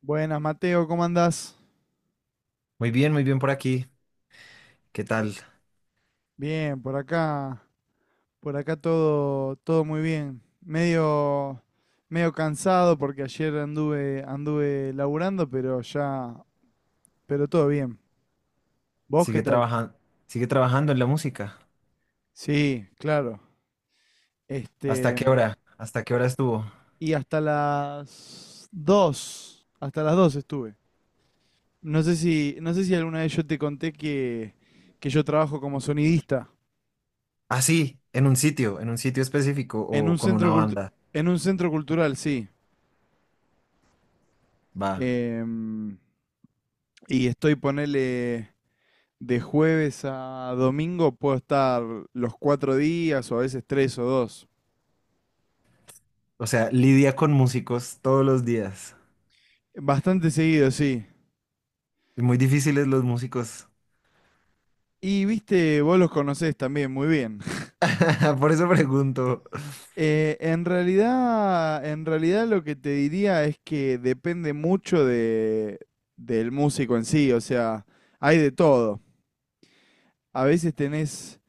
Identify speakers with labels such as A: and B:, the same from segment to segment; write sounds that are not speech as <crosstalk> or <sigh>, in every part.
A: Buenas, Mateo, ¿cómo andás?
B: Muy bien por aquí. ¿Qué tal?
A: Bien, por acá todo muy bien. Medio cansado porque ayer anduve laburando, pero todo bien. ¿Vos qué
B: Sigue
A: tal?
B: trabajando, sigue trabajando en la música.
A: Sí, claro.
B: ¿Hasta
A: Este,
B: qué hora? ¿Hasta qué hora estuvo?
A: y hasta las 2:00, estuve. No sé si alguna vez yo te conté que yo trabajo como sonidista
B: Ah, sí, en un sitio específico
A: en
B: o
A: un
B: con
A: centro
B: una
A: cultu-
B: banda.
A: en un centro cultural, sí.
B: Va.
A: Em, Y estoy, ponele, de jueves a domingo, puedo estar los 4 días o a veces tres o dos.
B: O sea, lidia con músicos todos los días.
A: Bastante seguido, sí.
B: Y muy difíciles los músicos.
A: Y viste, vos los conocés también muy bien. <laughs>
B: <laughs> Por eso pregunto.
A: En en realidad lo que te diría es que depende mucho del músico en sí, o sea, hay de todo. A veces tenés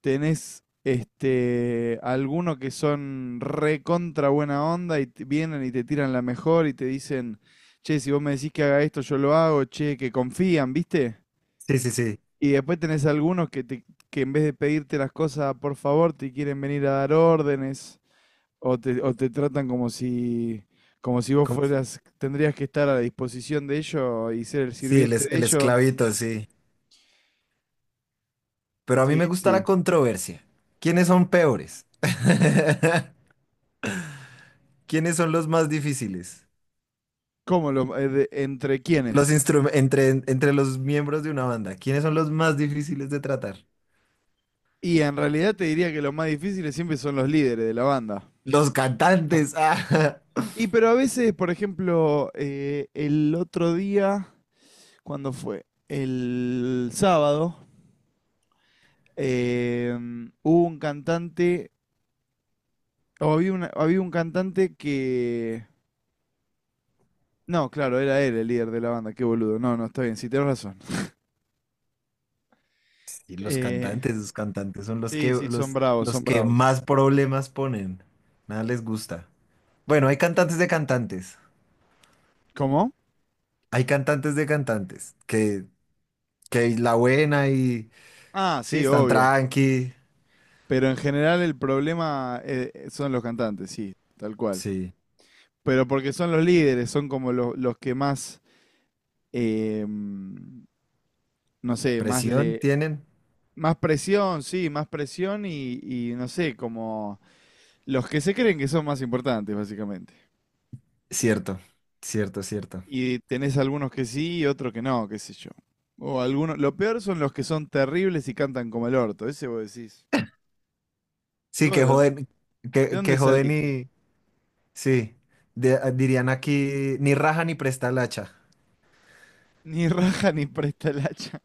A: tenés este, algunos que son recontra buena onda y vienen y te tiran la mejor y te dicen, che, si vos me decís que haga esto, yo lo hago, che, que confían, ¿viste?
B: Sí, sí, sí.
A: Y después tenés algunos que en vez de pedirte las cosas, por favor, te quieren venir a dar órdenes o te tratan como si vos
B: ¿Cómo se-
A: fueras, tendrías que estar a la disposición de ellos y ser el
B: Sí, el,
A: sirviente
B: es-
A: de
B: el
A: ellos.
B: esclavito, sí. Pero a mí
A: Sí,
B: me gusta la
A: sí.
B: controversia. ¿Quiénes son peores? <laughs> ¿Quiénes son los más difíciles?
A: ¿Entre
B: Los
A: quiénes?
B: instrum- entre, entre los miembros de una banda, ¿quiénes son los más difíciles de tratar?
A: Y en realidad te diría que los más difíciles siempre son los líderes de la banda.
B: Los cantantes. Ah,
A: Y pero a veces, por ejemplo, el otro día, ¿cuando fue? El sábado. eh, Hubo un cantante, o había un cantante que... No, claro, era él el líder de la banda, qué boludo. No, no, está bien, sí, tenés razón.
B: <laughs> sí,
A: Eh,
B: los cantantes son los
A: sí,
B: que,
A: sí, son
B: los,
A: bravos,
B: los
A: son
B: que
A: bravos.
B: más problemas ponen. Nada les gusta. Bueno, hay cantantes de cantantes.
A: ¿Cómo?
B: Hay cantantes de cantantes que la buena y
A: Ah,
B: sí,
A: sí,
B: están
A: obvio.
B: tranqui.
A: Pero en general el problema son los cantantes, sí, tal cual.
B: Sí,
A: Pero porque son los líderes, son como los que más, no sé, más
B: presión
A: le...
B: tienen.
A: Más presión, sí, más presión y no sé, como los que se creen que son más importantes, básicamente.
B: Cierto, cierto, cierto.
A: Y tenés algunos que sí y otros que no, qué sé yo. O algunos, lo peor son los que son terribles y cantan como el orto, ese vos decís. ¿Y
B: Sí,
A: vos
B: que joden,
A: de
B: que
A: dónde saliste?
B: joden. Sí, dirían aquí ni raja ni presta el hacha.
A: Ni <laughs> raja ni presta el hacha.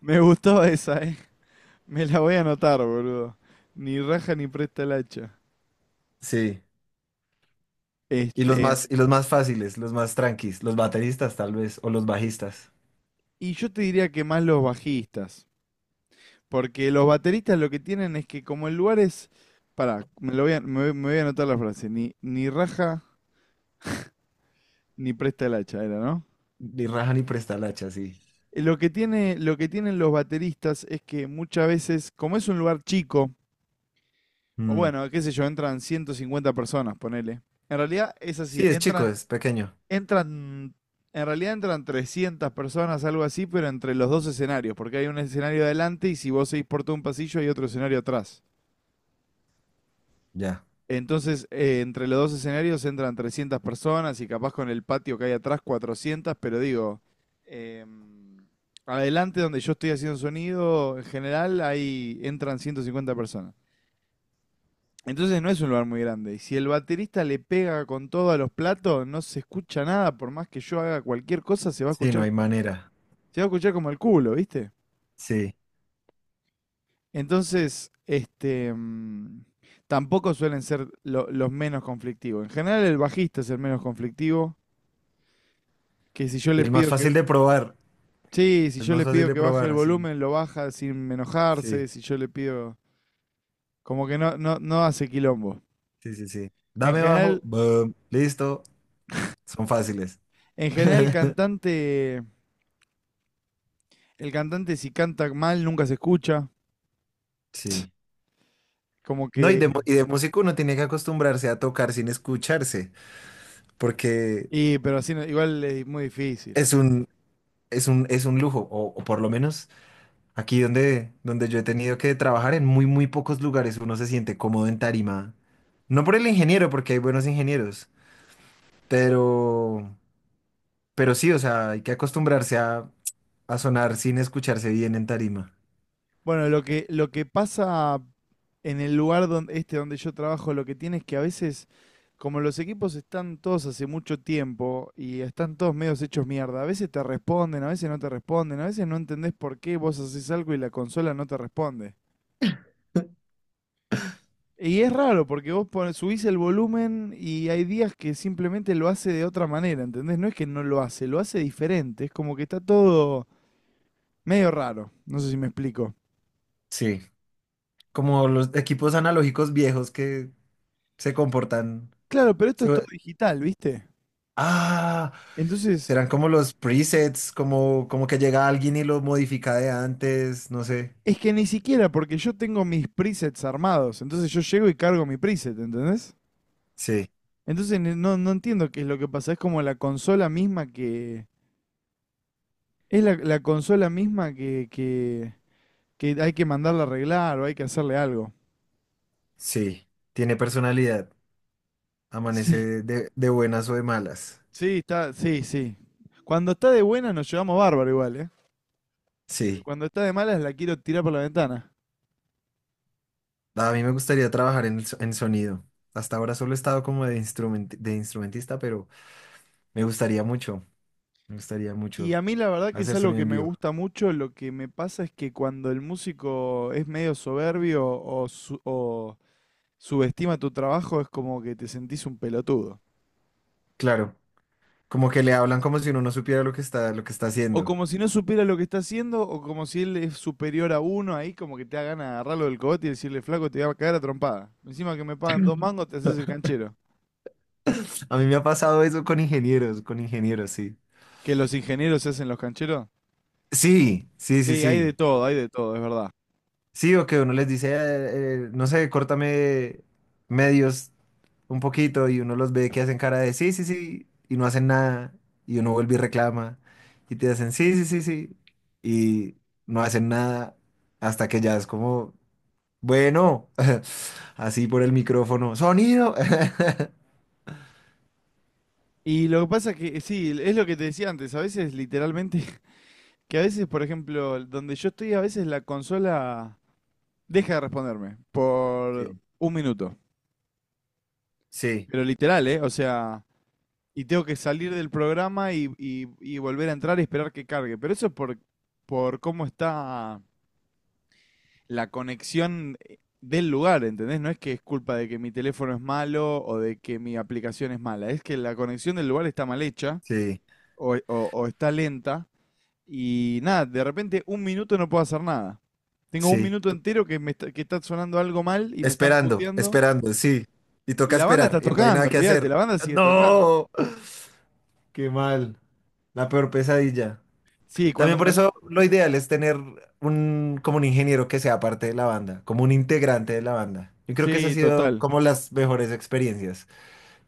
A: Me gustó esa, eh. Me la voy a anotar, boludo. Ni raja ni presta el hacha.
B: Sí. Y los
A: Este,
B: más, y los más fáciles, los más tranquis, los bateristas tal vez, o los bajistas.
A: Y yo te diría que más los bajistas, porque los bateristas lo que tienen es que como el lugar es, pará, me voy a anotar la frase, ni raja ni presta el hacha, era, ¿no?
B: Ni raja ni presta el hacha, sí.
A: Lo que tienen los bateristas es que muchas veces, como es un lugar chico, o
B: Mm.
A: bueno, qué sé yo, entran 150 personas, ponele. En realidad es así,
B: Sí, es chico, es pequeño.
A: entran, en realidad entran 300 personas, algo así, pero entre los dos escenarios, porque hay un escenario adelante y si vos seguís por todo un pasillo hay otro escenario atrás.
B: Ya.
A: Entonces, entre los dos escenarios entran 300 personas y capaz con el patio que hay atrás 400, pero digo, em, adelante donde yo estoy haciendo sonido, en general ahí entran 150 personas. Entonces no es un lugar muy grande. Y si el baterista le pega con todo a los platos, no se escucha nada, por más que yo haga cualquier cosa, se va a
B: Sí, no
A: escuchar,
B: hay manera.
A: como el culo, ¿viste?
B: Sí.
A: Entonces, tampoco suelen ser los menos conflictivos. En general el bajista es el menos conflictivo. Que si yo
B: Y
A: le
B: el más
A: pido que,
B: fácil de probar.
A: Sí, si
B: Es
A: yo
B: más
A: le
B: fácil
A: pido
B: de
A: que baje el
B: probar, sí.
A: volumen, lo baja sin
B: Sí,
A: enojarse. Si yo le pido, como que no hace quilombo.
B: sí, sí, sí.
A: En
B: Dame bajo,
A: general,
B: boom, listo. Son fáciles.
A: en general el
B: <laughs>
A: cantante, si canta mal nunca se escucha,
B: Sí.
A: como
B: No, y
A: que,
B: de, mu- y de músico uno tiene que acostumbrarse a tocar sin escucharse, porque
A: y pero así no- igual es muy difícil.
B: es un, es un lujo, o por lo menos aquí donde yo he tenido que trabajar, en muy, muy pocos lugares uno se siente cómodo en tarima. No por el ingeniero, porque hay buenos ingenieros, pero, pero sí, o sea, hay que acostumbrarse a sonar sin escucharse bien en tarima.
A: Bueno, lo que pasa en el lugar donde, donde yo trabajo, lo que tiene es que a veces, como los equipos están todos hace mucho tiempo y están todos medios hechos mierda, a veces te responden, a veces no te responden, a veces no entendés por qué vos haces algo y la consola no te responde. Y es raro porque vos subís el volumen y hay días que simplemente lo hace de otra manera, ¿entendés? No es que no lo hace, lo hace diferente, es como que está todo medio raro, no sé si me explico.
B: Sí, como los equipos analógicos viejos que se comportan.
A: Claro, pero esto es todo
B: se-
A: digital, ¿viste?
B: ah,
A: Entonces...
B: Serán como los presets, como que llega alguien y lo modifica de antes, no sé.
A: Es que ni siquiera, porque yo tengo mis presets armados. Entonces yo llego y cargo mi preset, ¿entendés?
B: Sí.
A: Entonces no entiendo qué es lo que pasa. Es como la consola misma que. Es la consola misma que hay que mandarla a arreglar o hay que hacerle algo.
B: Sí, tiene personalidad.
A: Sí.
B: Amanece de buenas o de malas.
A: Sí, está, sí, sí. Cuando está de buena nos llevamos bárbaro igual, ¿eh? Pero
B: Sí,
A: cuando está de malas la quiero tirar por la ventana.
B: a mí me gustaría trabajar en sonido. Hasta ahora solo he estado como de instrumentista, pero me gustaría mucho, me gustaría
A: Y
B: mucho
A: a mí la verdad que es
B: hacer
A: algo
B: sonido
A: que
B: en
A: me
B: vivo.
A: gusta mucho, lo que me pasa es que cuando el músico es medio soberbio o, subestima tu trabajo es como que te sentís un pelotudo.
B: Claro, como que le hablan como si uno no supiera lo que está
A: O
B: haciendo.
A: como si no supiera lo que está haciendo, o como si él es superior a uno, ahí como que te da ganas de agarrarlo del cogote y decirle, flaco, te voy a caer a trompada. Encima que me pagan dos mangos, te haces el canchero.
B: A mí me ha pasado eso con ingenieros, sí.
A: ¿Que los ingenieros se hacen los cancheros?
B: Sí, sí, sí,
A: Sí,
B: sí.
A: hay de todo, es verdad.
B: Sí, o que uno les dice, no sé, córtame medios un poquito, y uno los ve que hacen cara de sí, sí, sí, y no hacen nada, y uno vuelve y reclama, y te hacen sí, sí, sí, sí, y no hacen nada hasta que ya es como, bueno, <laughs> así por el micrófono, sonido. <laughs>
A: Y lo que pasa es que, sí, es lo que te decía antes, a veces literalmente. Que a veces, por ejemplo, donde yo estoy, a veces la consola deja de responderme por
B: Sí,
A: un minuto.
B: sí,
A: Pero literal, ¿eh? O sea, y tengo que salir del programa y volver a entrar y esperar que cargue. Pero eso es por cómo está la conexión del lugar, ¿entendés? No es que es culpa de que mi teléfono es malo o de que mi aplicación es mala. Es que la conexión del lugar está mal hecha
B: sí,
A: o, o- o está lenta. Y nada, de repente un minuto no puedo hacer nada. Tengo un
B: sí,
A: minuto entero que está sonando algo mal y me están
B: Esperando,
A: puteando.
B: esperando, sí, y
A: Y
B: toca
A: la banda
B: esperar,
A: está
B: y no hay
A: tocando,
B: nada que
A: olvídate,
B: hacer.
A: la banda sigue tocando.
B: No, <laughs> qué mal. La peor pesadilla.
A: Sí, cuando
B: También por
A: me...
B: eso lo ideal es tener como un ingeniero que sea parte de la banda, como un integrante de la banda. Yo creo que esa ha
A: Sí,
B: sido
A: total.
B: como las mejores experiencias,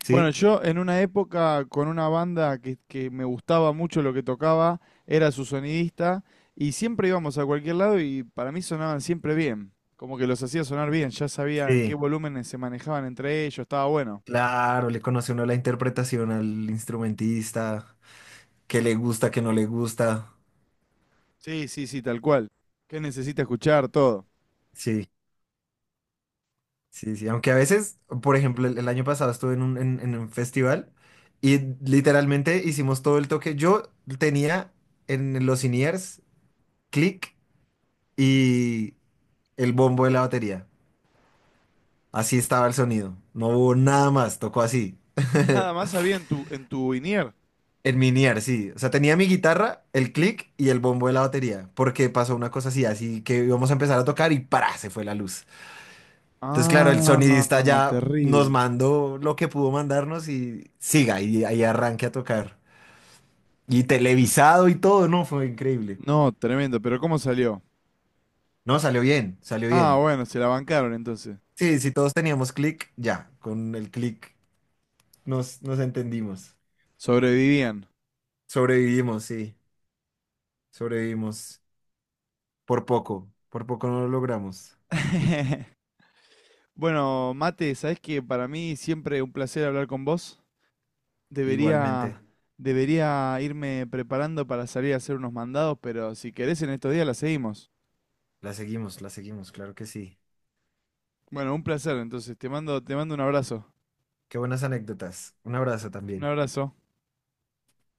A: Bueno,
B: ¿sí?
A: yo en una época con una banda que me gustaba mucho lo que tocaba, era su sonidista, y siempre íbamos a cualquier lado y para mí sonaban siempre bien. Como que los hacía sonar bien, ya sabía en qué
B: Sí,
A: volúmenes se manejaban entre ellos, estaba bueno.
B: claro, le conoce uno la interpretación al instrumentista, qué le gusta, qué no le gusta.
A: Sí, sí, sí, tal cual. ¿Qué necesita escuchar? Todo.
B: Sí, sí, sí. Aunque a veces, por ejemplo, el año pasado estuve en un festival, y literalmente hicimos todo el toque. Yo tenía en los in-ears click y el bombo de la batería. Así estaba el sonido. No hubo nada más, tocó así. <laughs>
A: Nada más había en en tu INIER.
B: En miniar, sí. O sea, tenía mi guitarra, el click y el bombo de la batería. Porque pasó una cosa así, así que íbamos a empezar a tocar y, ¡para!, se fue la luz. Entonces, claro, el sonidista
A: Ah,
B: ya nos
A: terrible.
B: mandó lo que pudo mandarnos y siga, y ahí arranque a tocar. Y televisado y todo, no, fue increíble.
A: No, tremendo, pero ¿cómo salió?
B: No, salió bien, salió
A: Ah,
B: bien.
A: bueno, se la bancaron entonces.
B: Sí, si todos teníamos click, ya, con el click nos entendimos.
A: Sobrevivían.
B: Sobrevivimos, sí, sobrevivimos. Por poco no lo logramos.
A: <laughs> Bueno, Mate, ¿sabes que para mí siempre un placer hablar con vos? Debería,
B: Igualmente,
A: Debería irme preparando para salir a hacer unos mandados, pero si querés en estos días la seguimos.
B: la seguimos, claro que sí.
A: Bueno, un placer, entonces te mando un abrazo.
B: Qué buenas anécdotas. Un abrazo
A: Un
B: también.
A: abrazo.